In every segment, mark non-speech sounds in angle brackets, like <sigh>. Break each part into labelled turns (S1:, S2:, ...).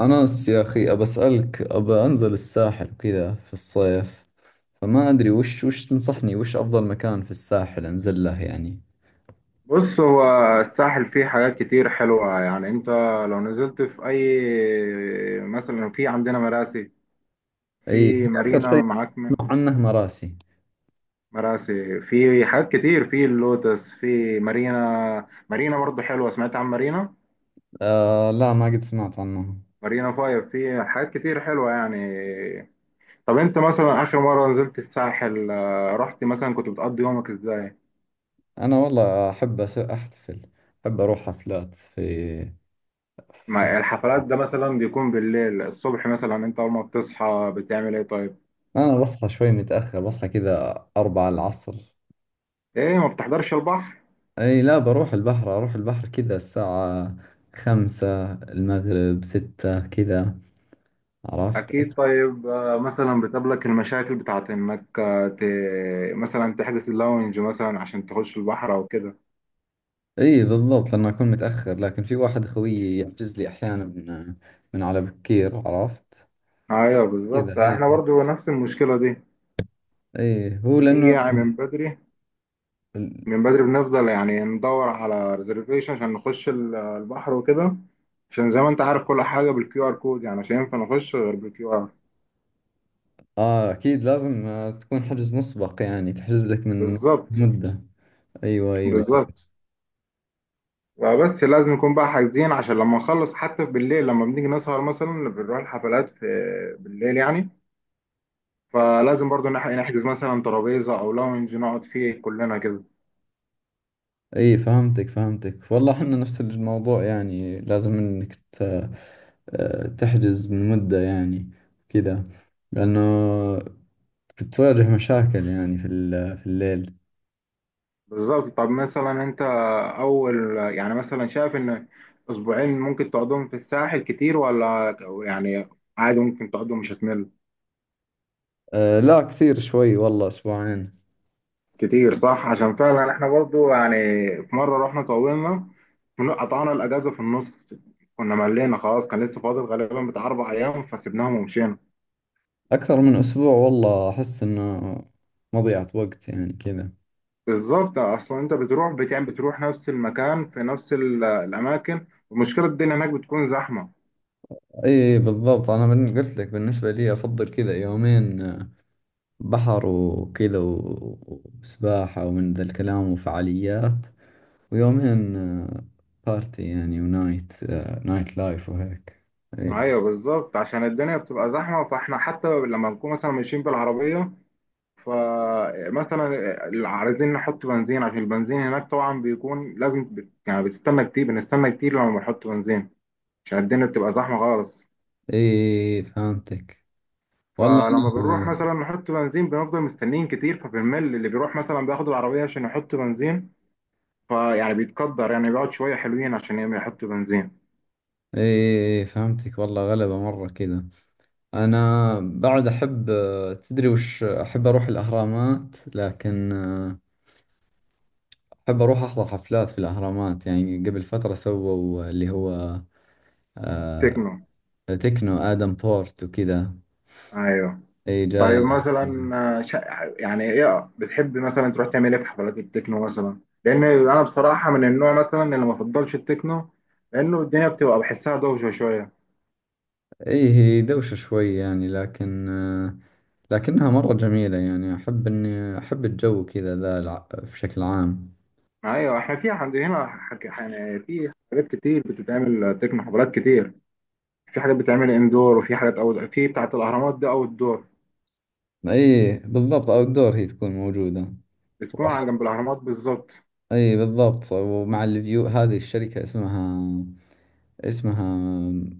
S1: أنس يا أخي أبى أسألك، أبى أنزل الساحل وكذا في الصيف. فما أدري وش تنصحني، وش أفضل مكان في الساحل أنزل له يعني.
S2: بص، هو الساحل فيه حاجات كتير حلوة يعني. انت لو نزلت في اي، مثلا في عندنا مراسي،
S1: أي،
S2: في
S1: أكثر
S2: مارينا
S1: شيء
S2: معاك من
S1: أسمع عنه مراسي.
S2: مراسي، في حاجات كتير، في اللوتس، في مارينا، مارينا برضو حلوة. سمعت عن مارينا؟
S1: آه لا، ما قد سمعت عنه.
S2: مارينا فايف، في حاجات كتير حلوة يعني. طب انت مثلا اخر مرة نزلت الساحل، رحت مثلا، كنت بتقضي يومك ازاي؟
S1: أنا والله أحب أحتفل، أحب أروح حفلات في.
S2: ما الحفلات ده مثلا بيكون بالليل. الصبح مثلا، انت اول ما بتصحى بتعمل ايه طيب؟
S1: أنا بصحى شوي متأخر، بصحى كذا أربعة العصر.
S2: ايه ما بتحضرش البحر؟
S1: أي لا، بروح البحر، أروح البحر كذا الساعة خمسة المغرب ستة كذا، عرفت.
S2: أكيد. طيب مثلا بتقابلك المشاكل بتاعت إنك مثلا تحجز اللونج مثلا عشان تخش البحر أو كده.
S1: اي بالضبط، لانه اكون متاخر، لكن في واحد خويي يحجز لي احيانا من من على بكير، عرفت.
S2: أيوه بالظبط،
S1: كذا اي،
S2: إحنا برضو نفس المشكلة دي.
S1: اي هو لانه.
S2: بنيجي من بدري، بنفضل يعني ندور على ريزرفيشن عشان نخش البحر وكده. عشان زي ما أنت عارف، كل حاجة بالكيو آر كود، يعني مش هينفع نخش غير بالكيو آر.
S1: اه اكيد لازم تكون حجز مسبق يعني، تحجز لك من
S2: بالظبط.
S1: مده. ايوه ايوه أيوة.
S2: بالظبط، بس لازم نكون بقى حاجزين، عشان لما نخلص حتى بالليل، لما بنيجي نسهر مثلا بنروح الحفلات في بالليل يعني. فلازم برضو نحجز مثلا ترابيزة أو لاونج نقعد فيه كلنا كده.
S1: اي فهمتك فهمتك، والله احنا نفس الموضوع، يعني لازم انك تحجز من مده يعني كذا، لانه بتواجه مشاكل يعني في في الليل.
S2: بالظبط، طب مثلا أنت، أول يعني مثلا شايف إن أسبوعين ممكن تقعدهم في الساحل كتير ولا يعني عادي ممكن تقعدهم مش هتمل؟
S1: آه لا، كثير شوي والله أسبوعين،
S2: كتير صح، عشان فعلا إحنا برضو يعني في مرة رحنا طولنا، قطعنا الأجازة في النص. كنا ملينا خلاص، كان لسه فاضل غالبا بتاع أربع أيام، فسيبناهم ومشينا.
S1: أكثر من أسبوع، والله أحس إنه مضيعة وقت يعني كذا.
S2: بالظبط، اصلا انت بتروح بتعمل، بتروح نفس المكان في نفس الاماكن، ومشكله الدنيا هناك بتكون زحمه.
S1: إي بالضبط، أنا من قلت لك بالنسبة لي أفضل كذا يومين بحر وكذا وسباحة ومن ذا الكلام وفعاليات، ويومين بارتي يعني ونايت، نايت لايف وهيك. إي
S2: ايوه بالظبط، عشان الدنيا بتبقى زحمه، فاحنا حتى لما نكون مثلا ماشيين بالعربيه، فمثلا عايزين نحط بنزين، عشان البنزين هناك طبعا بيكون لازم يعني بتستنى كتير، بنستنى كتير لما بنحط بنزين، عشان الدنيا بتبقى زحمه خالص.
S1: إي فهمتك، والله
S2: فلما بنروح
S1: أنا
S2: مثلا نحط بنزين بنفضل مستنيين كتير، فبنمل اللي بيروح مثلا بياخد العربيه عشان يحط بنزين. فيعني بيتقدر يعني بيقعد شوية حلوين عشان يحطوا بنزين.
S1: إي فهمتك، والله غلبة مرة كذا. أنا بعد أحب، تدري وش أحب؟ أروح الأهرامات، لكن أحب أروح أحضر حفلات في الأهرامات يعني. قبل فترة سووا اللي هو آه،
S2: تكنو.
S1: تكنو آدم بورت وكذا،
S2: ايوه.
S1: أي جال
S2: طيب
S1: الأهرامات.
S2: مثلا يعني ايه، بتحب مثلا تروح تعمل ايه في حفلات التكنو مثلا؟ لان انا بصراحة من النوع مثلا اللي ما بفضلش التكنو، لانه الدنيا بتبقى بحسها دوشة شوية.
S1: أي هي دوشة شوي يعني، لكن لكنها مرة جميلة يعني، أحب إني أحب الجو كذا ذا في شكل عام.
S2: ايوه احنا في عند هنا يعني في حاجات كتير بتتعمل تكنو، حفلات كتير. في حاجات بتتعمل اندور، وفي حاجات او في بتاعة الاهرامات دي او الدور،
S1: أي بالضبط، أوت دور هي تكون موجودة.
S2: بتكون عن
S1: وأحب،
S2: جنب الاهرامات بالظبط.
S1: أي بالضبط، ومع الفيو. هذه الشركة اسمها، اسمها،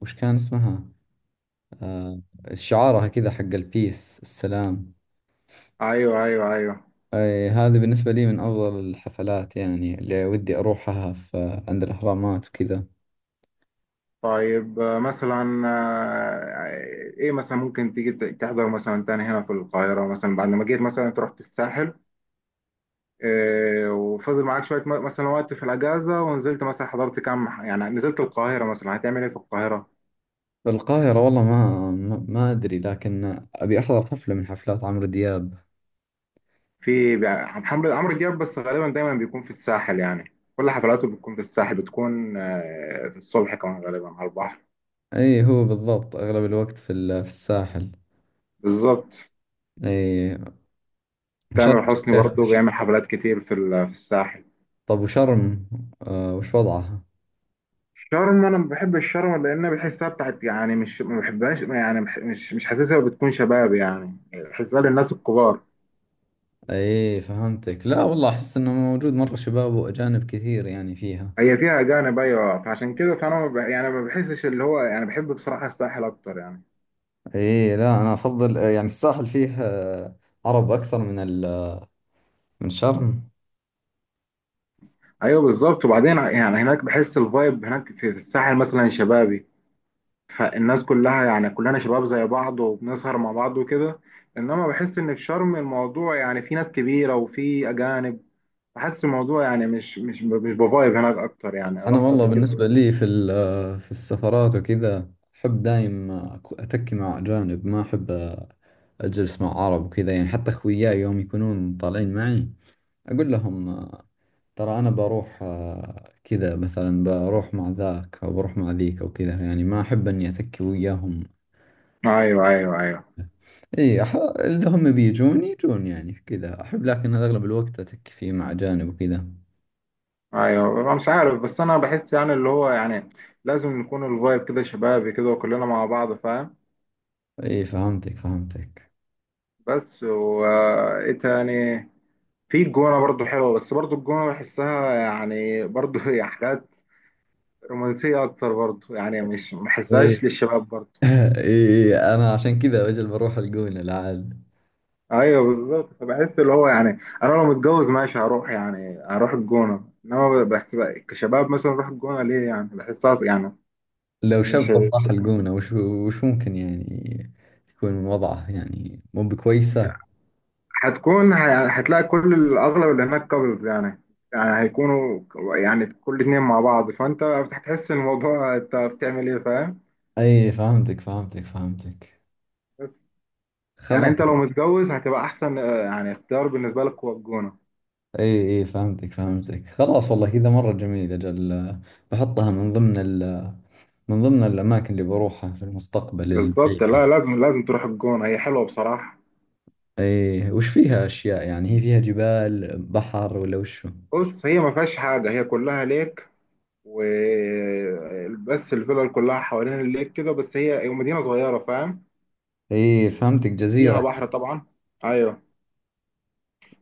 S1: وش كان اسمها، آه، شعارها كذا حق البيس السلام.
S2: ايوه ايوه ايوه.
S1: أي هذه بالنسبة لي من أفضل الحفلات يعني، اللي ودي أروحها في عند الأهرامات وكذا.
S2: طيب مثلا ايه مثلا ممكن تيجي تحضر مثلا تاني هنا في القاهرة؟ مثلا بعد ما جيت مثلا، انت رحت الساحل وفضل معاك شوية مثلا وقت في الأجازة، ونزلت مثلا، حضرت كام يعني نزلت القاهرة، مثلا هتعمل ايه في القاهرة؟
S1: في القاهرة والله ما أدري، لكن أبي أحضر حفلة من حفلات عمرو دياب.
S2: في عمرو دياب، بس غالبا دايما بيكون في الساحل، يعني كل حفلاته بتكون في الساحل، بتكون في الصبح كمان غالبا على البحر.
S1: أي هو بالضبط أغلب الوقت في في الساحل.
S2: بالظبط.
S1: أي شرم
S2: تامر حسني
S1: الشيخ
S2: برضه بيعمل حفلات كتير في في الساحل.
S1: طب وشرم، آه وش وضعها؟
S2: شرم انا ما بحب الشرم، لان بحسها بتاعت يعني، مش ما بحبهاش يعني، مش، مش حاسسها بتكون شباب يعني، بحسها للناس الكبار.
S1: أي فهمتك، لا والله أحس إنه موجود مرة شباب وأجانب كثير يعني فيها.
S2: هي فيها اجانب ايوه، فعشان كده فانا ما يعني ما بحسش اللي هو يعني، بحب بصراحه الساحل اكتر يعني.
S1: ايه لا، انا افضل يعني الساحل فيه عرب اكثر من من شرم.
S2: ايوه بالظبط، وبعدين يعني هناك بحس الفايب هناك في الساحل مثلا شبابي. فالناس كلها يعني كلنا شباب زي بعض وبنسهر مع بعض وكده. انما بحس ان في شرم الموضوع يعني، في ناس كبيره وفي اجانب. بحس الموضوع يعني مش، مش، مش بفايب هناك اكتر يعني،
S1: انا
S2: رحت
S1: والله
S2: قبل كده.
S1: بالنسبه لي في في السفرات وكذا احب دايم اتكي مع اجانب، ما احب اجلس مع عرب وكذا يعني. حتى اخوياي يوم يكونون طالعين معي اقول لهم، ترى انا بروح، كذا مثلا بروح مع ذاك او بروح مع ذيك او كذا يعني، ما احب اني اتكي وياهم.
S2: ايوه ايوه ايوه.
S1: اي اذا هم بيجون يجون يعني كذا احب، لكن اغلب الوقت اتك فيه مع اجانب وكذا.
S2: ايوه أنا مش عارف، بس انا بحس يعني اللي هو يعني لازم نكون الفايب كده شبابي كده وكلنا مع بعض، فاهم.
S1: اي فهمتك فهمتك.
S2: بس، وايه تاني؟ في الجونه برضو حلوه، بس برضو الجونه بحسها يعني برضو <laughs> هي حاجات رومانسيه اكتر برضو، يعني مش ما
S1: ايه
S2: بحسهاش للشباب برضو.
S1: <laughs> اي انا عشان كذا اجل بروح الجونة العاد.
S2: ايوه بالظبط، فبحس اللي هو يعني انا لو متجوز ماشي هروح، يعني هروح الجونه. انما بس بقى كشباب مثلا اروح الجونه ليه يعني بحسها يعني.
S1: لو
S2: مش،
S1: شاب راح الجونة، وش وش ممكن يعني يكون وضعه يعني؟ مو
S2: مش
S1: بكويسة.
S2: هتلاقي كل الاغلب اللي هناك كابلز يعني، يعني هيكونوا يعني كل اتنين مع بعض، فانت هتحس ان الموضوع انت بتعمل ايه فاهم.
S1: اي فهمتك فهمتك فهمتك،
S2: بس يعني
S1: خلاص.
S2: انت لو متجوز هتبقى احسن، يعني اختيار بالنسبه لك هو الجونه.
S1: اي اي فهمتك فهمتك، خلاص والله كذا مرة جميل اجل، بحطها من ضمن ال، من ضمن الاماكن اللي بروحها في المستقبل
S2: بالظبط.
S1: البعيد.
S2: لا، لازم لازم تروح الجونه، هي حلوه بصراحه.
S1: ايه وش فيها اشياء يعني؟ هي فيها جبال بحر ولا وشو؟
S2: بص هي ما فيهاش حاجه، هي كلها ليك، و بس الفلل كلها حوالين الليك كده. بس هي، هي مدينه صغيره فاهم.
S1: ايه فهمتك،
S2: فيها
S1: جزيرة.
S2: بحر طبعا. ايوه.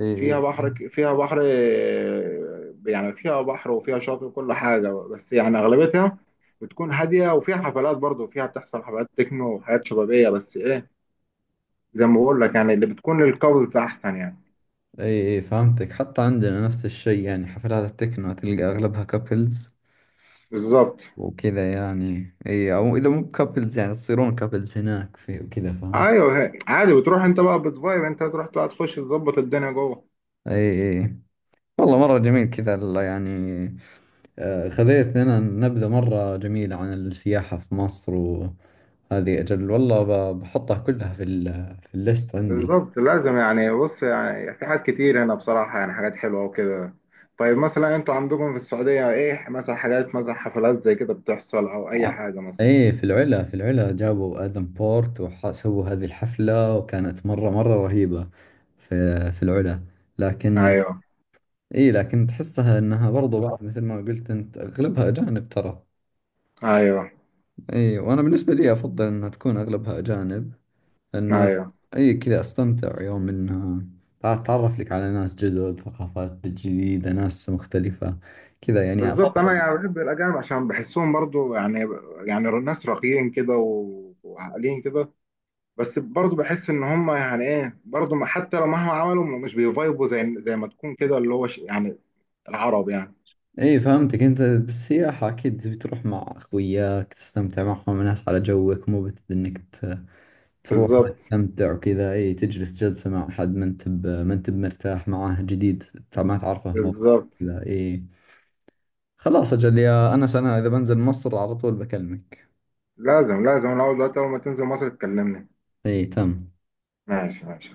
S1: ايه
S2: فيها
S1: ايه.
S2: بحر فيها بحر، يعني فيها بحر وفيها شاطئ وكل حاجة، بس يعني أغلبيتها بتكون هادية. وفيها حفلات برضه، فيها بتحصل حفلات تكنو وحاجات شبابية، بس إيه، زي ما بقول لك يعني اللي بتكون للكابلز أحسن يعني.
S1: ايه ايه فهمتك، حتى عندنا نفس الشيء يعني، حفلات التكنو تلقى اغلبها كابلز
S2: بالظبط.
S1: وكذا يعني. ايه او اذا مو كابلز يعني تصيرون كابلز هناك في وكذا، فاهم.
S2: أيوه عادي، بتروح أنت بقى، بتفايب، أنت تروح بقى تخش تظبط الدنيا جوه.
S1: ايه ايه، والله مرة جميل كذا يعني، خذيت لنا نبذة مرة جميلة عن السياحة في مصر، وهذه أجل والله بحطها كلها في ال، في الليست عندي.
S2: بالظبط، لازم يعني. بص يعني في حاجات كتير هنا بصراحة يعني، حاجات حلوة وكده. طيب مثلا أنتوا عندكم في السعودية إيه مثلا حاجات، مثلا حفلات زي كده بتحصل أو أي
S1: آه.
S2: حاجة مثلا؟
S1: ايه في العلا، في العلا جابوا ادم بورت وسووا هذه الحفلة وكانت مرة مرة رهيبة، في في العلا. لكن
S2: أيوه
S1: ايه لكن تحسها انها برضو بعض مثل ما قلت انت اغلبها اجانب ترى.
S2: ايوه
S1: ايه وانا بالنسبة لي افضل انها تكون اغلبها اجانب، لانه
S2: ايوه.
S1: ايه كذا استمتع يوم انها تعرف لك على ناس جدد، ثقافات جديدة، ناس مختلفة كذا يعني
S2: بالظبط، انا
S1: افضل.
S2: يعني بحب الاجانب عشان بحسهم برضو يعني، يعني ناس راقيين كده وعاقلين كده. بس برضو بحس ان هم يعني ايه برضو حتى لو مهما عملوا مش بيفايبوا زي، ما تكون كده اللي هو يعني العرب يعني.
S1: ايه فهمتك، انت بالسياحة اكيد تبي تروح مع اخوياك تستمتع معهم، ناس على جوك، مو بت انك تروح ما
S2: بالظبط.
S1: تستمتع وكذا. ايه تجلس جلسة مع حد ما انت ما انت مرتاح معاه، جديد، ما تعرفه، مو
S2: بالظبط،
S1: كذا. ايه خلاص اجل يا انس، انا اذا بنزل مصر على طول بكلمك.
S2: لازم لازم. انا اول دلوقتي، اول ما تنزل مصر تكلمني.
S1: ايه تم.
S2: ماشي ماشي.